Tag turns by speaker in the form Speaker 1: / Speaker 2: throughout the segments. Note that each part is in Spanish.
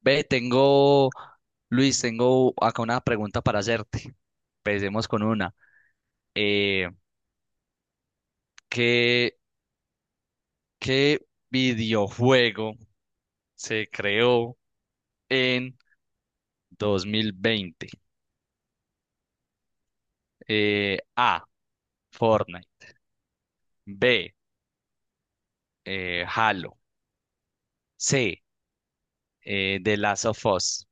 Speaker 1: Ve, tengo, Luis, tengo acá una pregunta para hacerte. Empecemos con una. Eh, ¿qué, qué videojuego se creó en 2020? A, Fortnite. B, Halo. C, The Last of Us.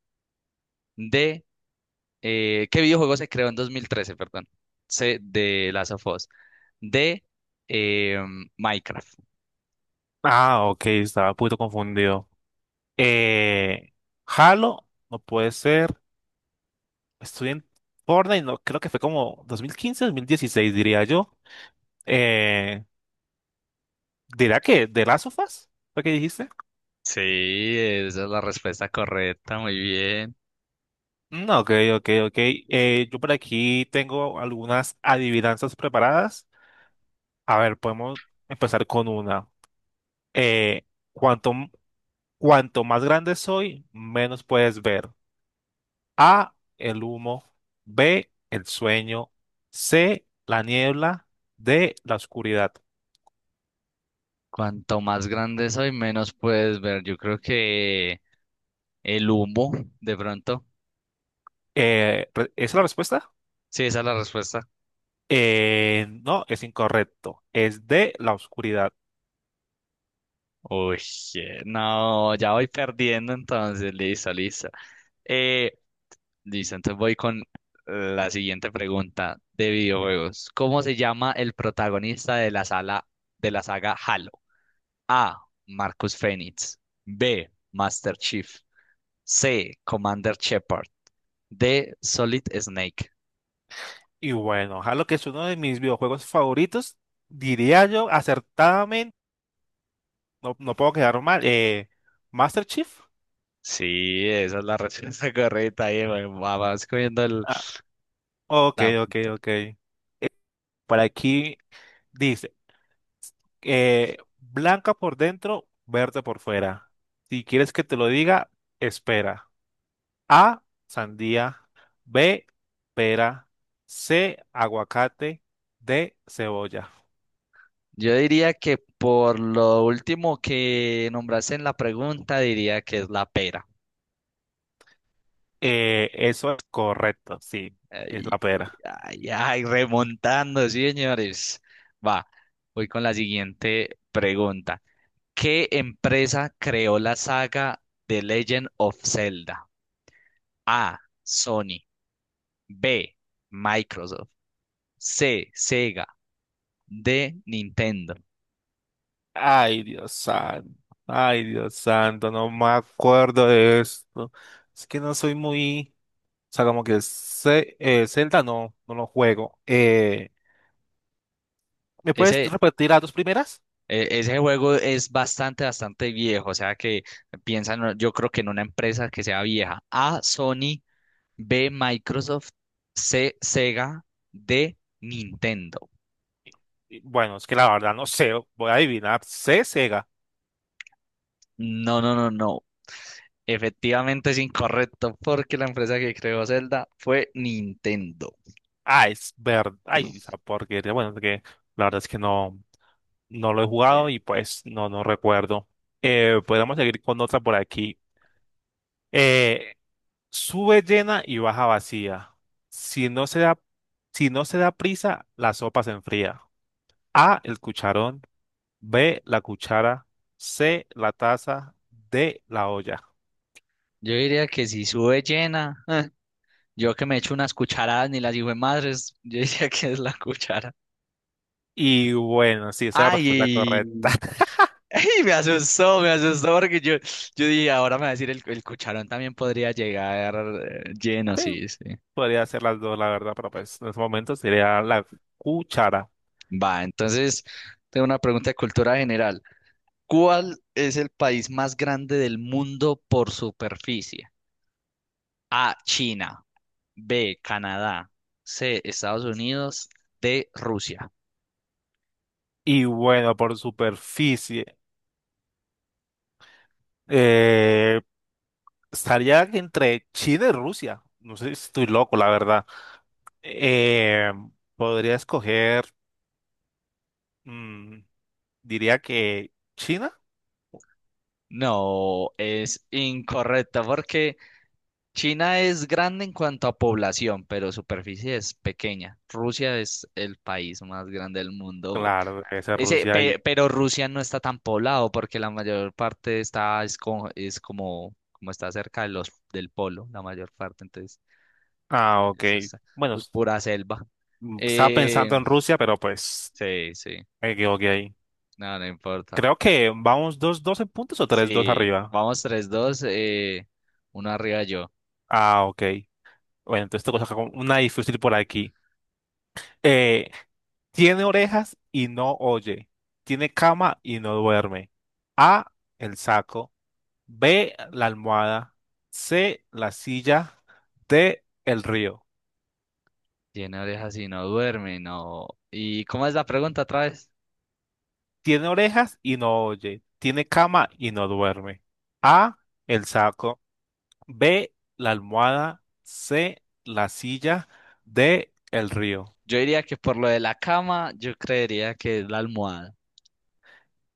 Speaker 1: D, ¿qué videojuego se creó en 2013? Perdón. C, The Last of Us. D, eh, Minecraft.
Speaker 2: Ah, ok, estaba un poquito confundido. Eh, Halo, no puede ser. Estuve en Fortnite, no, creo que fue como dos mil quince, dos mil dieciséis, diría yo. Eh, ¿Dirá que de Last of Us? ¿Fue que dijiste?
Speaker 1: Sí, esa es la respuesta correcta, muy bien.
Speaker 2: Ok, ok. Yo por aquí tengo algunas adivinanzas preparadas. A ver, podemos empezar con una. Eh, cuanto, cuanto más grande soy, menos puedes ver. A, el humo, B, el sueño, C, la niebla, D, la oscuridad.
Speaker 1: Cuanto más grande soy, menos puedes ver. Yo creo que el humo, de pronto.
Speaker 2: ¿Esa ¿es la respuesta?
Speaker 1: Sí, esa es la respuesta.
Speaker 2: No, es incorrecto. Es D, la oscuridad.
Speaker 1: Uy, no, ya voy perdiendo entonces. Listo, listo. Eh, Listo, entonces voy con la siguiente pregunta de videojuegos. ¿Cómo se llama el protagonista de la saga Halo? A. Marcus Fenix. B. Master Chief. C. Commander Shepard. De Solid Snake.
Speaker 2: Y bueno, Halo, que es uno de mis videojuegos favoritos, diría yo acertadamente, no, no puedo quedar mal. ¿Master Chief?
Speaker 1: Sí, esa es la respuesta correcta. Ahí vas comiendo el,
Speaker 2: Ah, ok,
Speaker 1: la punta.
Speaker 2: ok. Por aquí dice. Blanca por dentro, verde por fuera. Si quieres que te lo diga, espera. A, sandía. B, pera. C, aguacate. D, cebolla.
Speaker 1: Yo diría que por lo último que nombraste en la pregunta, diría que es la pera.
Speaker 2: Eso es correcto, sí, es la
Speaker 1: Ay,
Speaker 2: pera.
Speaker 1: ay, ay, remontando, sí, señores. Va, voy con la siguiente pregunta. ¿Qué empresa creó la saga The Legend of Zelda? A. Sony. B. Microsoft. C. Sega. De Nintendo.
Speaker 2: Ay, Dios santo. Ay, Dios santo, no me acuerdo de esto. Es que no soy muy. O sea, como que Zelda no, no lo juego. ¿Me puedes
Speaker 1: Ese,
Speaker 2: repetir las dos primeras?
Speaker 1: Ese juego es bastante, bastante viejo, o sea que piensan, yo creo que en una empresa que sea vieja. A, Sony, B, Microsoft, C, Sega, D, Nintendo.
Speaker 2: Y, bueno, es que la verdad no sé, voy a adivinar. C, Sega.
Speaker 1: No, no, no, no. Efectivamente es incorrecto porque la empresa que creó Zelda fue Nintendo.
Speaker 2: Ah, es verdad. Ay, esa porquería. Bueno, es que la verdad es que no, no lo he jugado
Speaker 1: Eh,
Speaker 2: y pues no, no recuerdo. Podemos seguir con otra por aquí. Eh, sube llena y baja vacía. Si no se da, si no se da prisa, la sopa se enfría. A, el cucharón. B, la cuchara. C, la taza. D, la olla.
Speaker 1: Yo diría que si sube llena, yo que me echo unas cucharadas ni las hijo de madres, yo diría que es la cuchara.
Speaker 2: Y bueno, sí, esa es la respuesta
Speaker 1: Ay,
Speaker 2: correcta.
Speaker 1: y me asustó porque yo dije, ahora me va a decir el cucharón también podría llegar lleno, sí, sí.
Speaker 2: Podría ser las dos, la verdad, pero pues en este momento sería la cuchara.
Speaker 1: Va, entonces tengo una pregunta de cultura general. ¿Cuál es el país más grande del mundo por superficie? A, China, B, Canadá, C, Estados Unidos, D, Rusia.
Speaker 2: Y bueno, por superficie, eh, estaría entre China y Rusia. No sé si estoy loco, la verdad. Eh, podría escoger, mm, diría que China.
Speaker 1: No, es incorrecto porque China es grande en cuanto a población, pero superficie es pequeña. Rusia es el país más grande del mundo.
Speaker 2: Claro, debe ser Rusia y.
Speaker 1: Pero Rusia no está tan poblado porque la mayor parte está es, es como está cerca de los del polo, la mayor parte, entonces
Speaker 2: Ah, ok.
Speaker 1: eso está,
Speaker 2: Bueno,
Speaker 1: es
Speaker 2: s-
Speaker 1: pura selva.
Speaker 2: estaba
Speaker 1: Eh,
Speaker 2: pensando en Rusia, pero pues
Speaker 1: sí, sí,
Speaker 2: me equivoqué ahí.
Speaker 1: no, no importa.
Speaker 2: Creo que vamos dos 2 en puntos o tres dos
Speaker 1: Sí,
Speaker 2: arriba.
Speaker 1: vamos tres, dos, uno arriba yo.
Speaker 2: Ah, ok. Bueno, entonces tengo que sacar una difícil por aquí. Eh, tiene orejas y no oye. Tiene cama y no duerme. A, el saco. B, la almohada. C, la silla. D, el río.
Speaker 1: Tiene orejas y no duerme, no. ¿Y cómo es la pregunta otra vez?
Speaker 2: Tiene orejas y no oye. Tiene cama y no duerme. A, el saco. B, la almohada. C, la silla. D, el río.
Speaker 1: Yo diría que por lo de la cama, yo creería que es la almohada.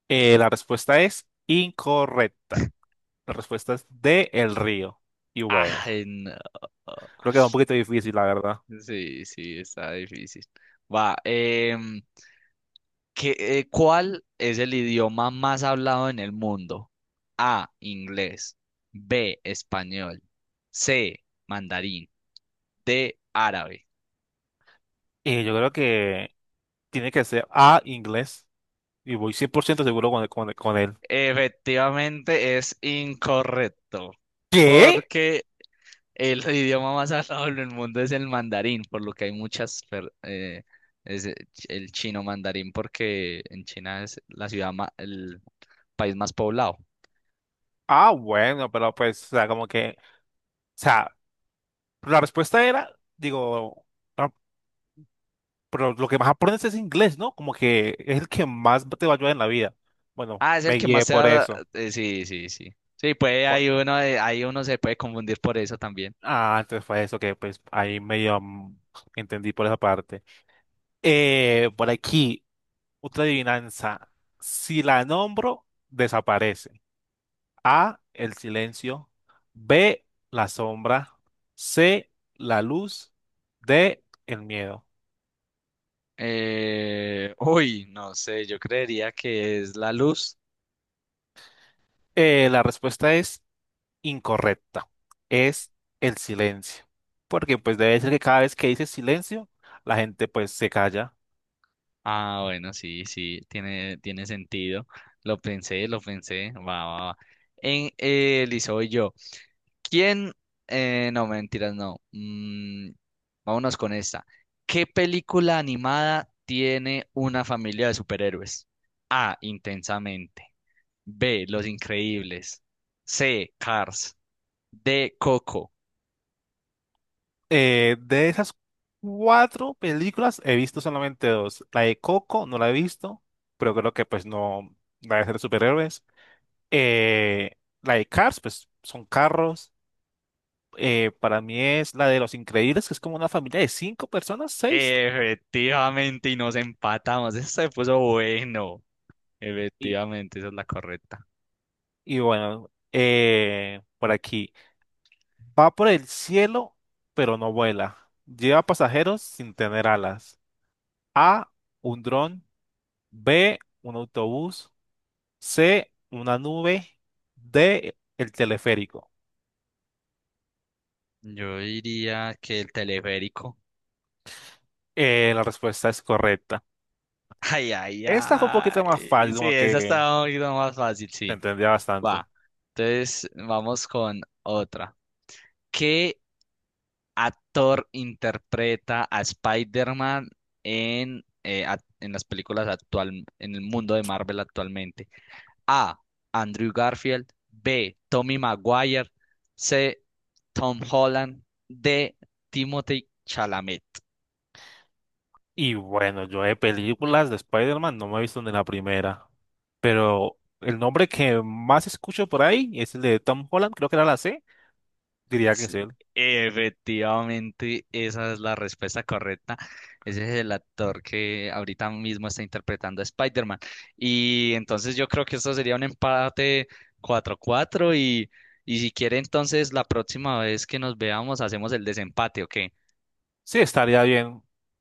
Speaker 2: La respuesta es incorrecta. La respuesta es de El Río. Y bueno,
Speaker 1: Ay, no.
Speaker 2: creo que es un poquito difícil, la verdad.
Speaker 1: Sí, sí, está difícil. Va, ¿cuál es el idioma más hablado en el mundo? A, inglés, B, español, C, mandarín, D, árabe.
Speaker 2: Y yo creo que tiene que ser A, inglés. Y voy 100% seguro con él.
Speaker 1: Efectivamente es incorrecto,
Speaker 2: ¿Qué?
Speaker 1: porque el idioma más hablado en el mundo es el mandarín, por lo que hay muchas, es el el chino mandarín, porque en China es la ciudad, el país más poblado.
Speaker 2: Ah, bueno, pero pues, o sea, como que, o sea, la respuesta era, digo, no, pero lo que más aprendes es inglés, ¿no? Como que es el que más te va a ayudar en la vida. Bueno,
Speaker 1: Ah, es
Speaker 2: me
Speaker 1: el que más
Speaker 2: guié
Speaker 1: se
Speaker 2: por
Speaker 1: da,
Speaker 2: eso.
Speaker 1: eh, sí, sí, sí. Sí, puede, hay
Speaker 2: Por.
Speaker 1: uno, hay uno se puede confundir por eso también.
Speaker 2: Ah, entonces fue eso que pues ahí medio entendí por esa parte. Por aquí, otra adivinanza. Si la nombro, desaparece. A, el silencio. B, la sombra. C, la luz. D, el miedo.
Speaker 1: Uy, no sé, yo creería que es la luz.
Speaker 2: La respuesta es incorrecta. Es el silencio. Porque pues debe ser que cada vez que dices silencio, la gente pues se calla.
Speaker 1: Ah, bueno, sí, sí, tiene sentido. Lo pensé, lo pensé. Va, va, va. En Lizo y soy yo. ¿Quién? No, mentiras, no. Vámonos con esta. ¿Qué película animada tiene una familia de superhéroes? A. Intensamente. B. Los Increíbles. C. Cars. D. Coco.
Speaker 2: De esas cuatro películas he visto solamente dos. La de Coco no la he visto, pero creo que pues no la de ser de superhéroes. Eh, la de Cars pues son carros. Para mí es la de Los Increíbles, que es como una familia de cinco personas, seis.
Speaker 1: Efectivamente, y nos empatamos. Eso se puso bueno.
Speaker 2: Y,
Speaker 1: Efectivamente, esa es la correcta.
Speaker 2: y bueno, por aquí. Va por el cielo, pero no vuela. Lleva pasajeros sin tener alas. A, un dron. B, un autobús. C, una nube. D, el teleférico.
Speaker 1: Yo diría que el teleférico.
Speaker 2: La respuesta es correcta.
Speaker 1: Ay, ay,
Speaker 2: Esta fue un poquito más
Speaker 1: ay.
Speaker 2: fácil,
Speaker 1: Sí,
Speaker 2: como
Speaker 1: esa
Speaker 2: que
Speaker 1: está un poquito más fácil,
Speaker 2: se
Speaker 1: sí.
Speaker 2: entendía bastante.
Speaker 1: Va. Entonces, vamos con otra. ¿Qué actor interpreta a Spider-Man en las películas actual, en el mundo de Marvel actualmente? A. Andrew Garfield. B. Tommy Maguire. C. Tom Holland. D. Timothée Chalamet.
Speaker 2: Y bueno, yo de películas de Spider-Man no me he visto ni la primera. Pero el nombre que más escucho por ahí es el de Tom Holland, creo que era la C. Diría que es
Speaker 1: Sí,
Speaker 2: él.
Speaker 1: efectivamente, esa es la respuesta correcta. Ese es el actor que ahorita mismo está interpretando a Spider-Man. Y entonces yo creo que esto sería un empate 4-4 y si quiere entonces la próxima vez que nos veamos hacemos el desempate, ¿ok?
Speaker 2: Sí, estaría bien.